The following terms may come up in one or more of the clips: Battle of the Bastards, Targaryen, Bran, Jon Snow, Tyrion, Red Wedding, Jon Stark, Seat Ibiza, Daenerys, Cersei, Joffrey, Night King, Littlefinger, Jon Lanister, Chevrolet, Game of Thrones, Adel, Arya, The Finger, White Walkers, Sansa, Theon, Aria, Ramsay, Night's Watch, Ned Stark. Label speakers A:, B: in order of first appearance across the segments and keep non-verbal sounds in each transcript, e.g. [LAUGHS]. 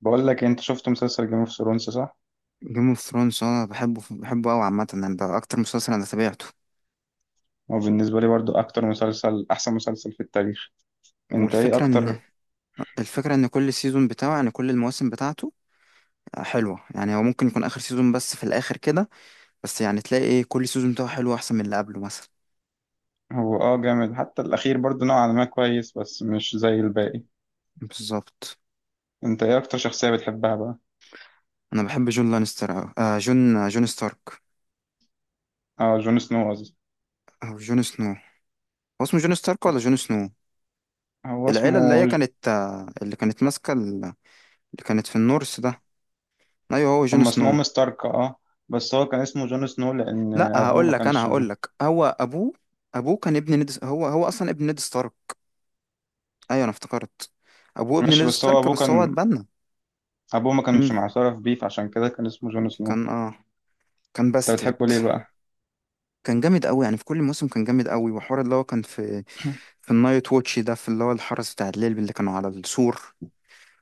A: بقول لك انت شفت مسلسل جيم اوف ثرونز صح؟
B: جيم اوف ثرونز، انا بحبه بحبه قوي عامه. يعني ده اكتر مسلسل انا تابعته.
A: هو بالنسبه لي برضو اكتر مسلسل، احسن مسلسل في التاريخ. انت ايه
B: والفكره ان
A: اكتر؟
B: الفكره ان كل سيزون بتاعه، يعني كل المواسم بتاعته حلوه. يعني هو ممكن يكون اخر سيزون بس في الاخر كده، بس يعني تلاقي إيه، كل سيزون بتاعه حلو احسن من اللي قبله مثلا.
A: هو جامد، حتى الاخير برضو نوعا ما كويس بس مش زي الباقي.
B: بالظبط.
A: انت ايه اكتر شخصيه بتحبها بقى؟
B: انا بحب جون لانستر أوي. جون ستارك،
A: اه، جون سنو قصدي.
B: او جون سنو. هو اسمه جون ستارك ولا جون سنو؟
A: هو
B: العيله اللي هي
A: اسمه.
B: كانت، اللي كانت ماسكه اللي كانت في النورث ده. ايوه هو جون
A: هم
B: سنو.
A: اسمهم ستارك، اه. بس هو كان اسمه جون سنو لان
B: لا
A: ابوه ما
B: هقول لك انا
A: كانش.
B: هقول لك، هو ابوه كان ابن نيد. هو اصلا ابن نيد ستارك. ايوه انا افتكرت، ابوه ابن
A: ماشي،
B: نيد
A: بس هو
B: ستارك
A: ابوه
B: بس هو
A: كان.
B: اتبنى.
A: ابوه ما كانش
B: امم
A: معترف بيه فعشان كده كان اسمه جون سنو.
B: كان اه كان
A: انت
B: باسترد.
A: بتحبه ليه بقى؟
B: كان جامد قوي، يعني في كل موسم كان جامد قوي. وحوار اللي هو كان في في النايت ووتش ده، في اللي هو الحرس بتاع الليل اللي كانوا على السور.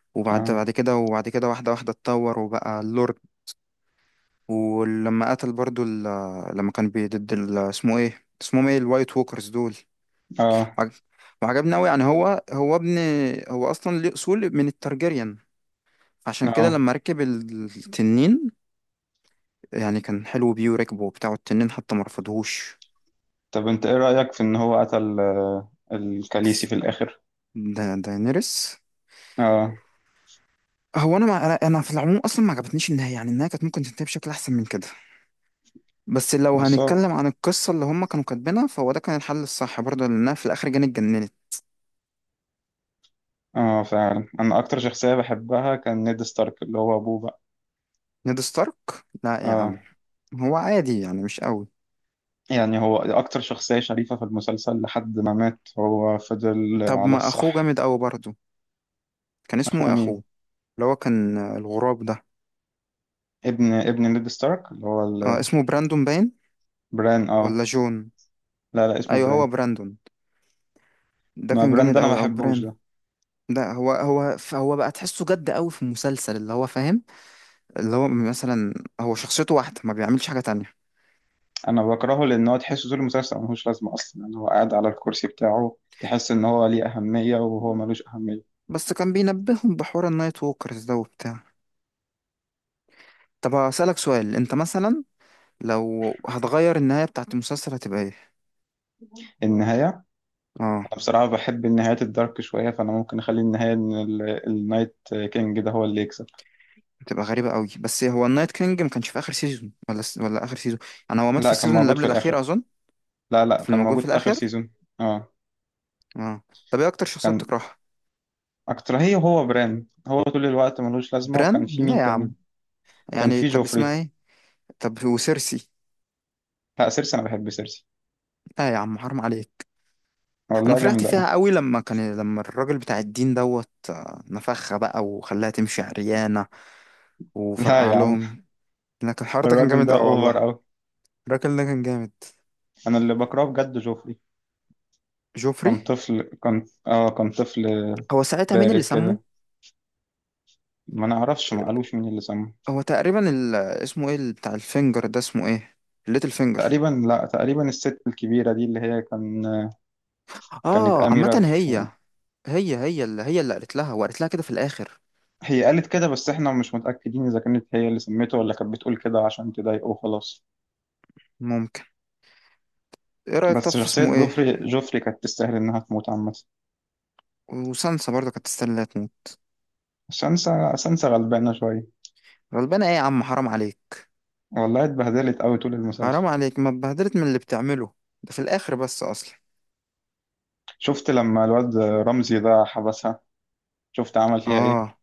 A: [CLEARS THROAT]
B: وبعد
A: اه.
B: بعد كده وبعد كده واحدة واحدة اتطور وبقى اللورد. ولما قتل برضو لما كان ضد اسمه ايه، اسمهم ايه الوايت ووكرز دول.
A: اه.
B: وعج- وعجبني قوي. يعني هو اصلا ليه اصول من الترجيريان، عشان كده
A: اه.
B: لما ركب التنين، يعني كان حلو بيه وركبه، وبتاع التنين حتى ما رفضهوش.
A: طب انت ايه رأيك في ان هو قتل، الكاليسي، في الاخر؟
B: دا داينيرس.
A: اه.
B: هو انا ما انا أنا في العموم اصلا ما عجبتنيش النهايه. يعني النهايه كانت ممكن تنتهي بشكل احسن من كده، بس لو
A: بس هو.
B: هنتكلم عن القصه اللي هم كانوا كاتبينها، فهو ده كان الحل الصح برضه، لانها في الاخر جاني اتجننت.
A: اه، فعلا انا اكتر شخصية بحبها كان نيد ستارك، اللي هو ابوه بقى.
B: نيد ستارك؟ لا يا
A: اه.
B: عم، هو عادي يعني، مش قوي.
A: يعني هو اكتر شخصية شريفة في المسلسل، لحد ما مات هو فضل
B: طب
A: على
B: ما اخوه
A: الصح.
B: جامد قوي برضه. كان اسمه
A: اخوه
B: ايه
A: مين؟
B: اخوه؟ اللي هو كان، الغراب ده.
A: ابن نيد ستارك اللي هو ال-.
B: اسمه براندون باين،
A: بران، اه.
B: ولا جون؟
A: لا لا، اسمه
B: ايوه هو
A: بران.
B: براندون. ده
A: ما
B: كان
A: بران ده
B: جامد
A: انا ما
B: قوي، او
A: بحبوش
B: بران.
A: ده.
B: ده هو بقى تحسه جد قوي في المسلسل. اللي هو فاهم، اللي هو مثلا، هو شخصيته واحدة ما بيعملش حاجة تانية.
A: انا بكرهه لان هو تحسه طول المسلسل ملوش لازمة اصلا، يعني هو قاعد على الكرسي بتاعه تحس ان هو ليه اهمية وهو ملوش اهمية.
B: بس كان بينبههم بحوار النايت ووكرز ده وبتاع. طب هسألك سؤال، انت مثلا لو هتغير النهاية بتاعت المسلسل هتبقى ايه؟
A: النهاية.
B: اه،
A: أنا بصراحة بحب النهايات الدارك شوية، فأنا ممكن أخلي النهاية إن ال- النايت كينج ده هو اللي يكسب.
B: هتبقى غريبة قوي، بس هو النايت كينج ما كانش في اخر سيزون، ولا اخر سيزون. انا هو مات في
A: لا، كان
B: السيزون اللي
A: موجود
B: قبل
A: في
B: الاخير
A: الآخر.
B: اظن.
A: لا لا،
B: في
A: كان
B: الموجود في
A: موجود في آخر
B: الاخر.
A: سيزون. اه.
B: اه. طب ايه اكتر شخصية بتكرهها؟
A: أكتر؟ هي، وهو بران هو طول الوقت ملوش لازمة، وكان
B: بران؟
A: في
B: لا
A: مين
B: يا
A: تاني؟
B: عم.
A: كان
B: يعني
A: في
B: طب اسمها
A: جوفري.
B: ايه؟ طب وسيرسي؟
A: لا، سيرسي أنا بحب سيرسي.
B: لا يا عم حرام عليك. انا
A: والله
B: فرحت
A: جامدة أوي.
B: فيها قوي لما كان، لما الراجل بتاع الدين دوت، نفخها بقى وخلاها تمشي عريانة
A: [LAUGHS] لا
B: وفرقع
A: يا عم.
B: لهم. لكن الحوار ده كان
A: الراجل
B: جامد
A: ده
B: قوي
A: أوفر
B: والله.
A: أوي.
B: الراجل ده كان جامد.
A: أنا اللي بكرهه بجد جوفري.
B: جوفري.
A: كان طفل.
B: هو ساعتها مين اللي
A: بارز
B: سمه؟
A: كده. ما نعرفش، ما قالوش مين اللي سمه.
B: هو تقريبا اسمه ايه بتاع الفينجر ده، اسمه ايه، الليتل فينجر.
A: تقريبا، لا تقريبا الست الكبيرة دي اللي هي كان. كانت
B: اه عامة
A: أميرة في.
B: هي، هي هي اللي، هي اللي قالت لها، وقالت لها كده في الاخر.
A: هي قالت كده، بس احنا مش متأكدين اذا كانت هي اللي سميته ولا كانت بتقول كده عشان تضايقه وخلاص.
B: ممكن. ايه رأيك طب
A: بس
B: في
A: شخصية
B: اسمه ايه.
A: جوفري كانت تستاهل انها تموت عامة.
B: وسانسا برضه كانت تستاهل انها تموت.
A: سانسا غلبانة شوية.
B: غلبانة ايه يا عم حرام عليك.
A: والله اتبهدلت قوي طول
B: حرام
A: المسلسل.
B: عليك، ما اتبهدلت من اللي بتعمله. ده في الاخر بس اصلا.
A: شفت لما الواد رمزي ده حبسها، شفت عمل فيها ايه.
B: اه،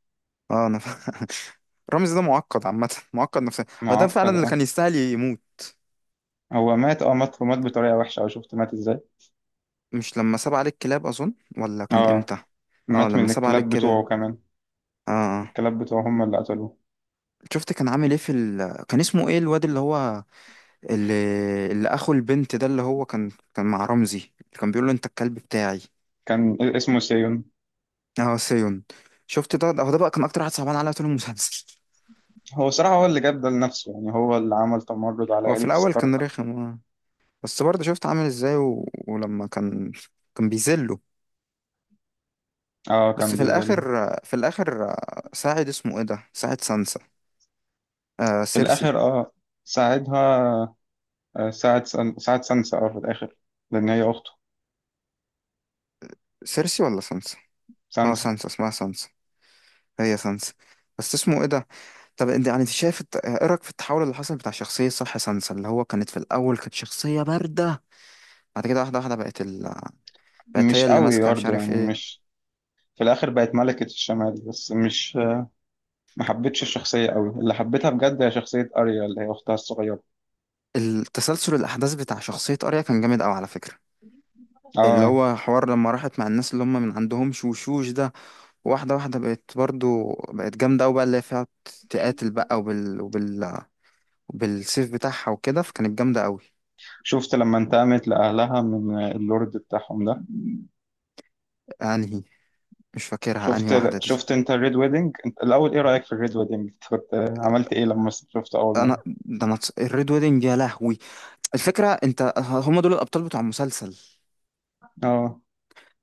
B: اه، [LAUGHS] رامز ده معقد، عامة معقد نفسيا. هو ده فعلا
A: معقد،
B: اللي
A: اه.
B: كان يستاهل يموت.
A: هو مات، اه، مات بطريقة وحشة. او شفت مات ازاي؟
B: مش لما ساب عليك كلاب اظن، ولا كان
A: اه،
B: امتى؟ اه
A: مات
B: لما
A: من
B: ساب عليك
A: الكلاب بتوعه
B: كلاب.
A: كمان.
B: اه.
A: الكلاب بتوعه هم اللي قتلوه.
B: شفت كان عامل ايه في [LAUGHS] كان اسمه ايه الواد اللي هو، اللي, اللي اخو البنت ده، اللي هو كان كان مع رمزي، اللي كان بيقول له انت الكلب بتاعي.
A: كان اسمه سيون.
B: اه سيون. شفت، ده هو ده بقى كان اكتر واحد صعبان عليا طول المسلسل.
A: هو صراحة هو اللي جاب ده لنفسه، يعني هو اللي عمل تمرد على
B: هو في
A: عائلة
B: الاول
A: ستارك.
B: كان رخم. بس برضه شفت عامل ازاي ولما كان بيذله.
A: اه،
B: بس
A: كان
B: في
A: بيظلم.
B: الاخر، ساعد اسمه ايه ده، ساعد سانسا. آه
A: في
B: سيرسي.
A: الاخر، اه، ساعدها. ساعد سان- ساعد سانسا، اه، في الاخر. لان هي اخته.
B: سيرسي ولا سانسا؟ اه
A: سانسا.
B: سانسا، اسمها سانسا. هي سانسا. بس اسمه ايه ده. طب انت يعني، انت شايف ايه رايك في التحول اللي حصل بتاع شخصيه، صح، سانسا؟ اللي هو كانت في الاول كانت شخصيه بارده، بعد كده واحده واحده بقت
A: مش
B: هي اللي
A: قوي
B: ماسكه مش
A: برضه،
B: عارف
A: يعني
B: ايه.
A: مش. في الاخر بقت ملكة الشمال، بس مش. ما حبيتش الشخصية قوي. اللي حبيتها بجد هي شخصية اريا، اللي هي اختها الصغيرة.
B: التسلسل الأحداث بتاع شخصية أريا كان جامد أوي على فكرة. اللي
A: اه.
B: هو حوار لما راحت مع الناس اللي هم من عندهم شوشوش ده. واحدة واحدة بقت برضو، بقت جامدة أوي، بقى اللي هي فيها تقاتل بقى، بالسيف بتاعها وكده، فكانت جامدة أوي.
A: شفت لما انتقمت لأهلها من اللورد بتاعهم ده.
B: أنهي؟ مش فاكرها أنهي
A: شفت
B: واحدة دي.
A: شفت انت الريد ويدنج، انت الأول ايه رأيك في الريد ويدنج، كنت عملت ايه لما شفته أول مرة؟
B: أنا ده أنا اتس- الريد ويدنج يا لهوي. الفكرة أنت هم دول الأبطال بتوع المسلسل،
A: اه.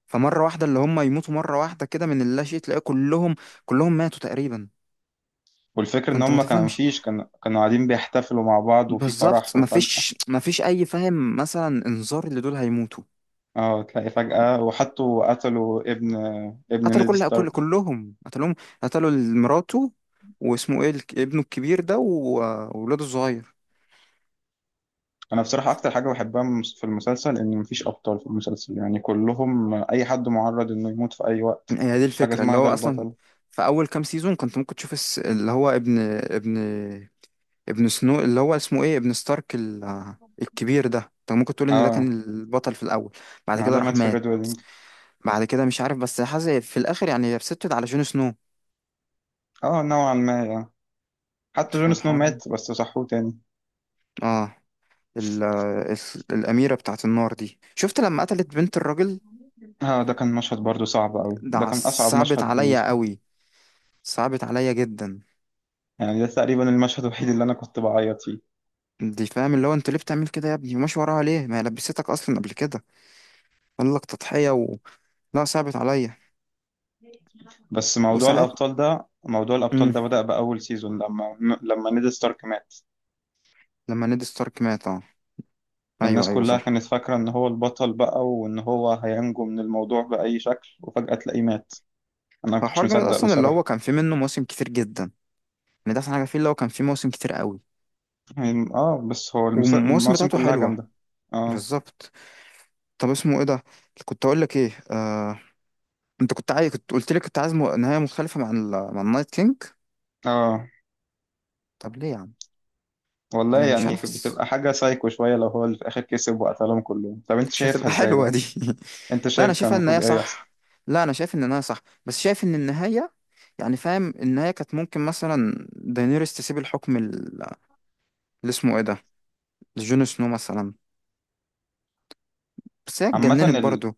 B: فمرة واحده اللي هم يموتوا مرة واحدة كده من اللاشيء. تلاقي كلهم، كلهم ماتوا تقريبا.
A: والفكرة ان
B: فأنت ما
A: هم كان
B: تفهمش.
A: فيش كان كانوا قاعدين بيحتفلوا مع بعض وفي فرح،
B: بالظبط،
A: وفجأة.
B: مفيش اي فاهم مثلا انذار اللي دول هيموتوا.
A: اه، تلاقي فجأة وحطوا قتلوا ابن
B: قتلوا
A: نيد
B: كل
A: ستارك.
B: كل كلهم قتلوهم، قتلوا مراته واسمه ايه ابنه الكبير ده وولاده الصغير.
A: انا بصراحة اكتر حاجة بحبها مس- في المسلسل، ان مفيش ابطال في المسلسل، يعني كلهم اي حد معرض انه يموت في اي وقت.
B: هي دي
A: مفيش حاجة
B: الفكره اللي
A: اسمها
B: هو
A: ده
B: اصلا.
A: البطل.
B: في اول كام سيزون كنت ممكن تشوف اللي هو ابن سنو، اللي هو اسمه ايه، ابن ستارك الكبير ده. انت ممكن تقول ان ده
A: اه،
B: كان البطل في الاول. بعد
A: ما
B: كده
A: ده
B: راح
A: مات في
B: مات.
A: الريد ويدنج.
B: بعد كده مش عارف، بس حاسس في الاخر يعني هي بسته على جون سنو.
A: اه، نوعا ما يعني. حتى جون سنو
B: فالحوار،
A: مات بس صحوه تاني.
B: اه ال- الأميرة بتاعت النار دي، شفت لما قتلت بنت الراجل.
A: اه، ده كان مشهد برضو صعب قوي،
B: ده
A: ده
B: ع-
A: كان اصعب
B: صعبت
A: مشهد
B: عليا
A: بالنسبة لي.
B: قوي، صعبت عليا جدا.
A: يعني ده تقريبا المشهد الوحيد اللي انا كنت بعيط فيه.
B: دي فاهم اللي هو، انت ليه بتعمل كده يا ابني؟ وماشي وراها ليه، ما هي لبستك اصلا قبل كده. قال لك تضحية لا، صعبت عليا.
A: بس موضوع
B: وساعات.
A: الابطال ده،
B: امم
A: بدأ بأول سيزون لما نيد ستارك مات.
B: لما نيد ستارك مات، اه،
A: الناس
B: ايوه ايوه
A: كلها
B: صح.
A: كانت فاكرة ان هو البطل بقى، وان هو هينجو من الموضوع بأي شكل، وفجأة تلاقيه مات. انا ما
B: هو
A: كنتش
B: حوار جامد
A: مصدق
B: اصلا اللي هو
A: بصراحة.
B: كان فيه منه مواسم كتير جدا. يعني ده احسن حاجة فيه، اللي هو كان فيه مواسم كتير قوي،
A: يعني بس هو المس-
B: والمواسم
A: المواسم
B: بتاعته
A: كلها
B: حلوة.
A: جامدة. اه.
B: بالظبط. طب اسمه ايه ده. كنت اقول لك ايه. انت كنت عايز، كنت قلت لي، كنت عايز نهايه مختلفه مع النايت كينج.
A: اه.
B: طب ليه يا عم؟
A: والله
B: انا مش
A: يعني
B: عارف، بس
A: بتبقى حاجة سايكو شوية لو هو اللي في الآخر كسب وقتلهم كلهم. طب انت
B: مش
A: شايفها
B: هتبقى
A: ازاي
B: حلوه
A: بقى؟
B: دي. [LAUGHS]
A: انت
B: لا انا
A: شايف كان
B: شايفها النهايه
A: المفروض ايه يحصل؟
B: صح. لا انا شايف ان النهايه صح، بس شايف ان النهايه، يعني فاهم، النهايه كانت ممكن مثلا داينيريس تسيب الحكم اللي اسمه ايه ده، لجون سنو مثلا، بس هي
A: عامة
B: اتجننت
A: ال-.
B: برضه.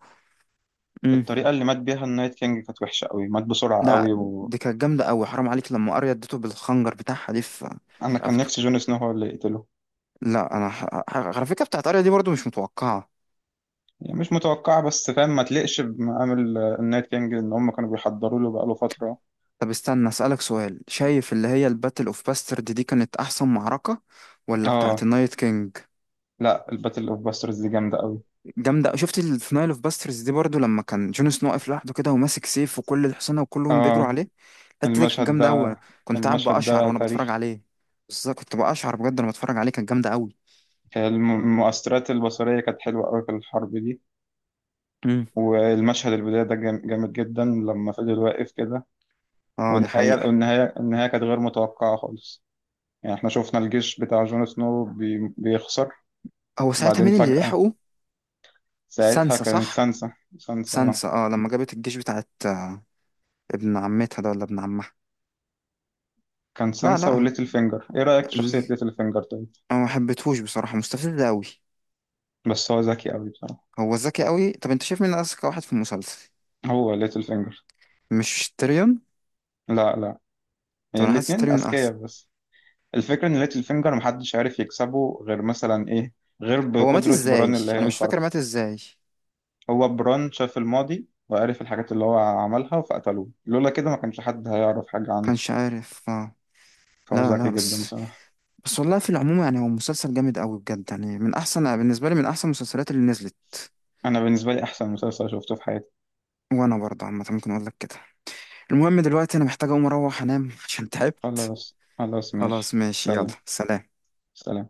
B: امم.
A: الطريقة اللي مات بيها النايت كينج كانت وحشة قوي، مات بسرعة
B: لا،
A: قوي.
B: دي كانت جامده قوي حرام عليك، لما اريا اديته بالخنجر بتاعها دي في
A: انا
B: في
A: كان
B: رقبته.
A: نفسي جون سنو هو اللي يقتله.
B: لا انا على فكره بتاعت اريا دي برضه مش متوقعه.
A: يعني مش متوقعه، بس فاهم ما تلقش بمقام النايت كينج ان هم كانوا بيحضروا له بقاله فتره.
B: طب استنى أسألك سؤال، شايف اللي هي الباتل اوف باسترد دي كانت احسن معركة، ولا بتاعة
A: اه.
B: النايت كينج؟
A: لا، الباتل اوف باسترز دي جامده قوي.
B: جامدة. شفت في نايل اوف باسترز دي برضو، لما كان جون سنو واقف لوحده كده وماسك سيف، وكل الحصنة وكلهم بيجروا
A: اه.
B: عليه. الحتة دي كانت
A: المشهد ده
B: جامدة أوي. كنت قاعد
A: المشهد
B: بقشعر
A: ده
B: وأنا بتفرج
A: تاريخي.
B: عليه. بالظبط، كنت بقشعر بجد لما بتفرج عليه، كانت جامدة أوي.
A: الم- المؤثرات البصريه كانت حلوه قوي في الحرب دي.
B: امم.
A: والمشهد البدايه ده جام- جامد جدا لما فضل واقف كده.
B: اه دي
A: والنهايه
B: حقيقة.
A: والنهايه النهايه كانت غير متوقعه خالص. يعني احنا شفنا الجيش بتاع جون سنو بي- بيخسر.
B: هو ساعتها
A: بعدين
B: مين اللي
A: فجاه.
B: لحقه؟
A: ساعتها
B: سانسا
A: كانت
B: صح.
A: سانسا.
B: سانسا، اه لما جابت الجيش بتاعت، ابن عمتها ده ولا ابن عمها.
A: كان
B: لا
A: سانسا
B: لا.
A: وليتل فينجر. ايه رأيك في شخصية
B: ال...
A: ليتل فينجر طيب؟
B: انا ما حبيتهوش بصراحة، مستفز أوي.
A: بس هو ذكي قوي بصراحة.
B: هو ذكي قوي، طب انت شايف مين اذكى واحد في المسلسل؟
A: هو ليتل فينجر.
B: مش تيريون؟
A: لا لا. يعني
B: طب انا حاسس
A: الاتنين
B: تيريون احسن.
A: أذكياء بس. الفكرة ان ليتل فينجر محدش عارف يكسبه غير مثلا ايه، غير
B: هو مات
A: بقدرة
B: ازاي؟
A: بران اللي هي
B: انا مش فاكر
A: الخارقة.
B: مات ازاي.
A: هو بران شاف الماضي وعارف الحاجات اللي هو عملها فقتلوه، لولا كده ما كانش حد هيعرف حاجة عنه.
B: كانش عارف اه.
A: فهو
B: لا لا،
A: ذكي جدا
B: بس.
A: بصراحة.
B: بس والله في العموم يعني هو مسلسل جامد قوي بجد. يعني من احسن بالنسبه لي، من احسن المسلسلات اللي نزلت.
A: أنا بالنسبة لي أحسن مسلسل شفته في حياتي.
B: وانا برضه عامه ممكن اقول لك كده. المهم دلوقتي انا محتاج اقوم اروح انام عشان تعبت.
A: خلاص خلاص،
B: خلاص
A: ماشي
B: ماشي
A: سلام.
B: يلا سلام.
A: سلام.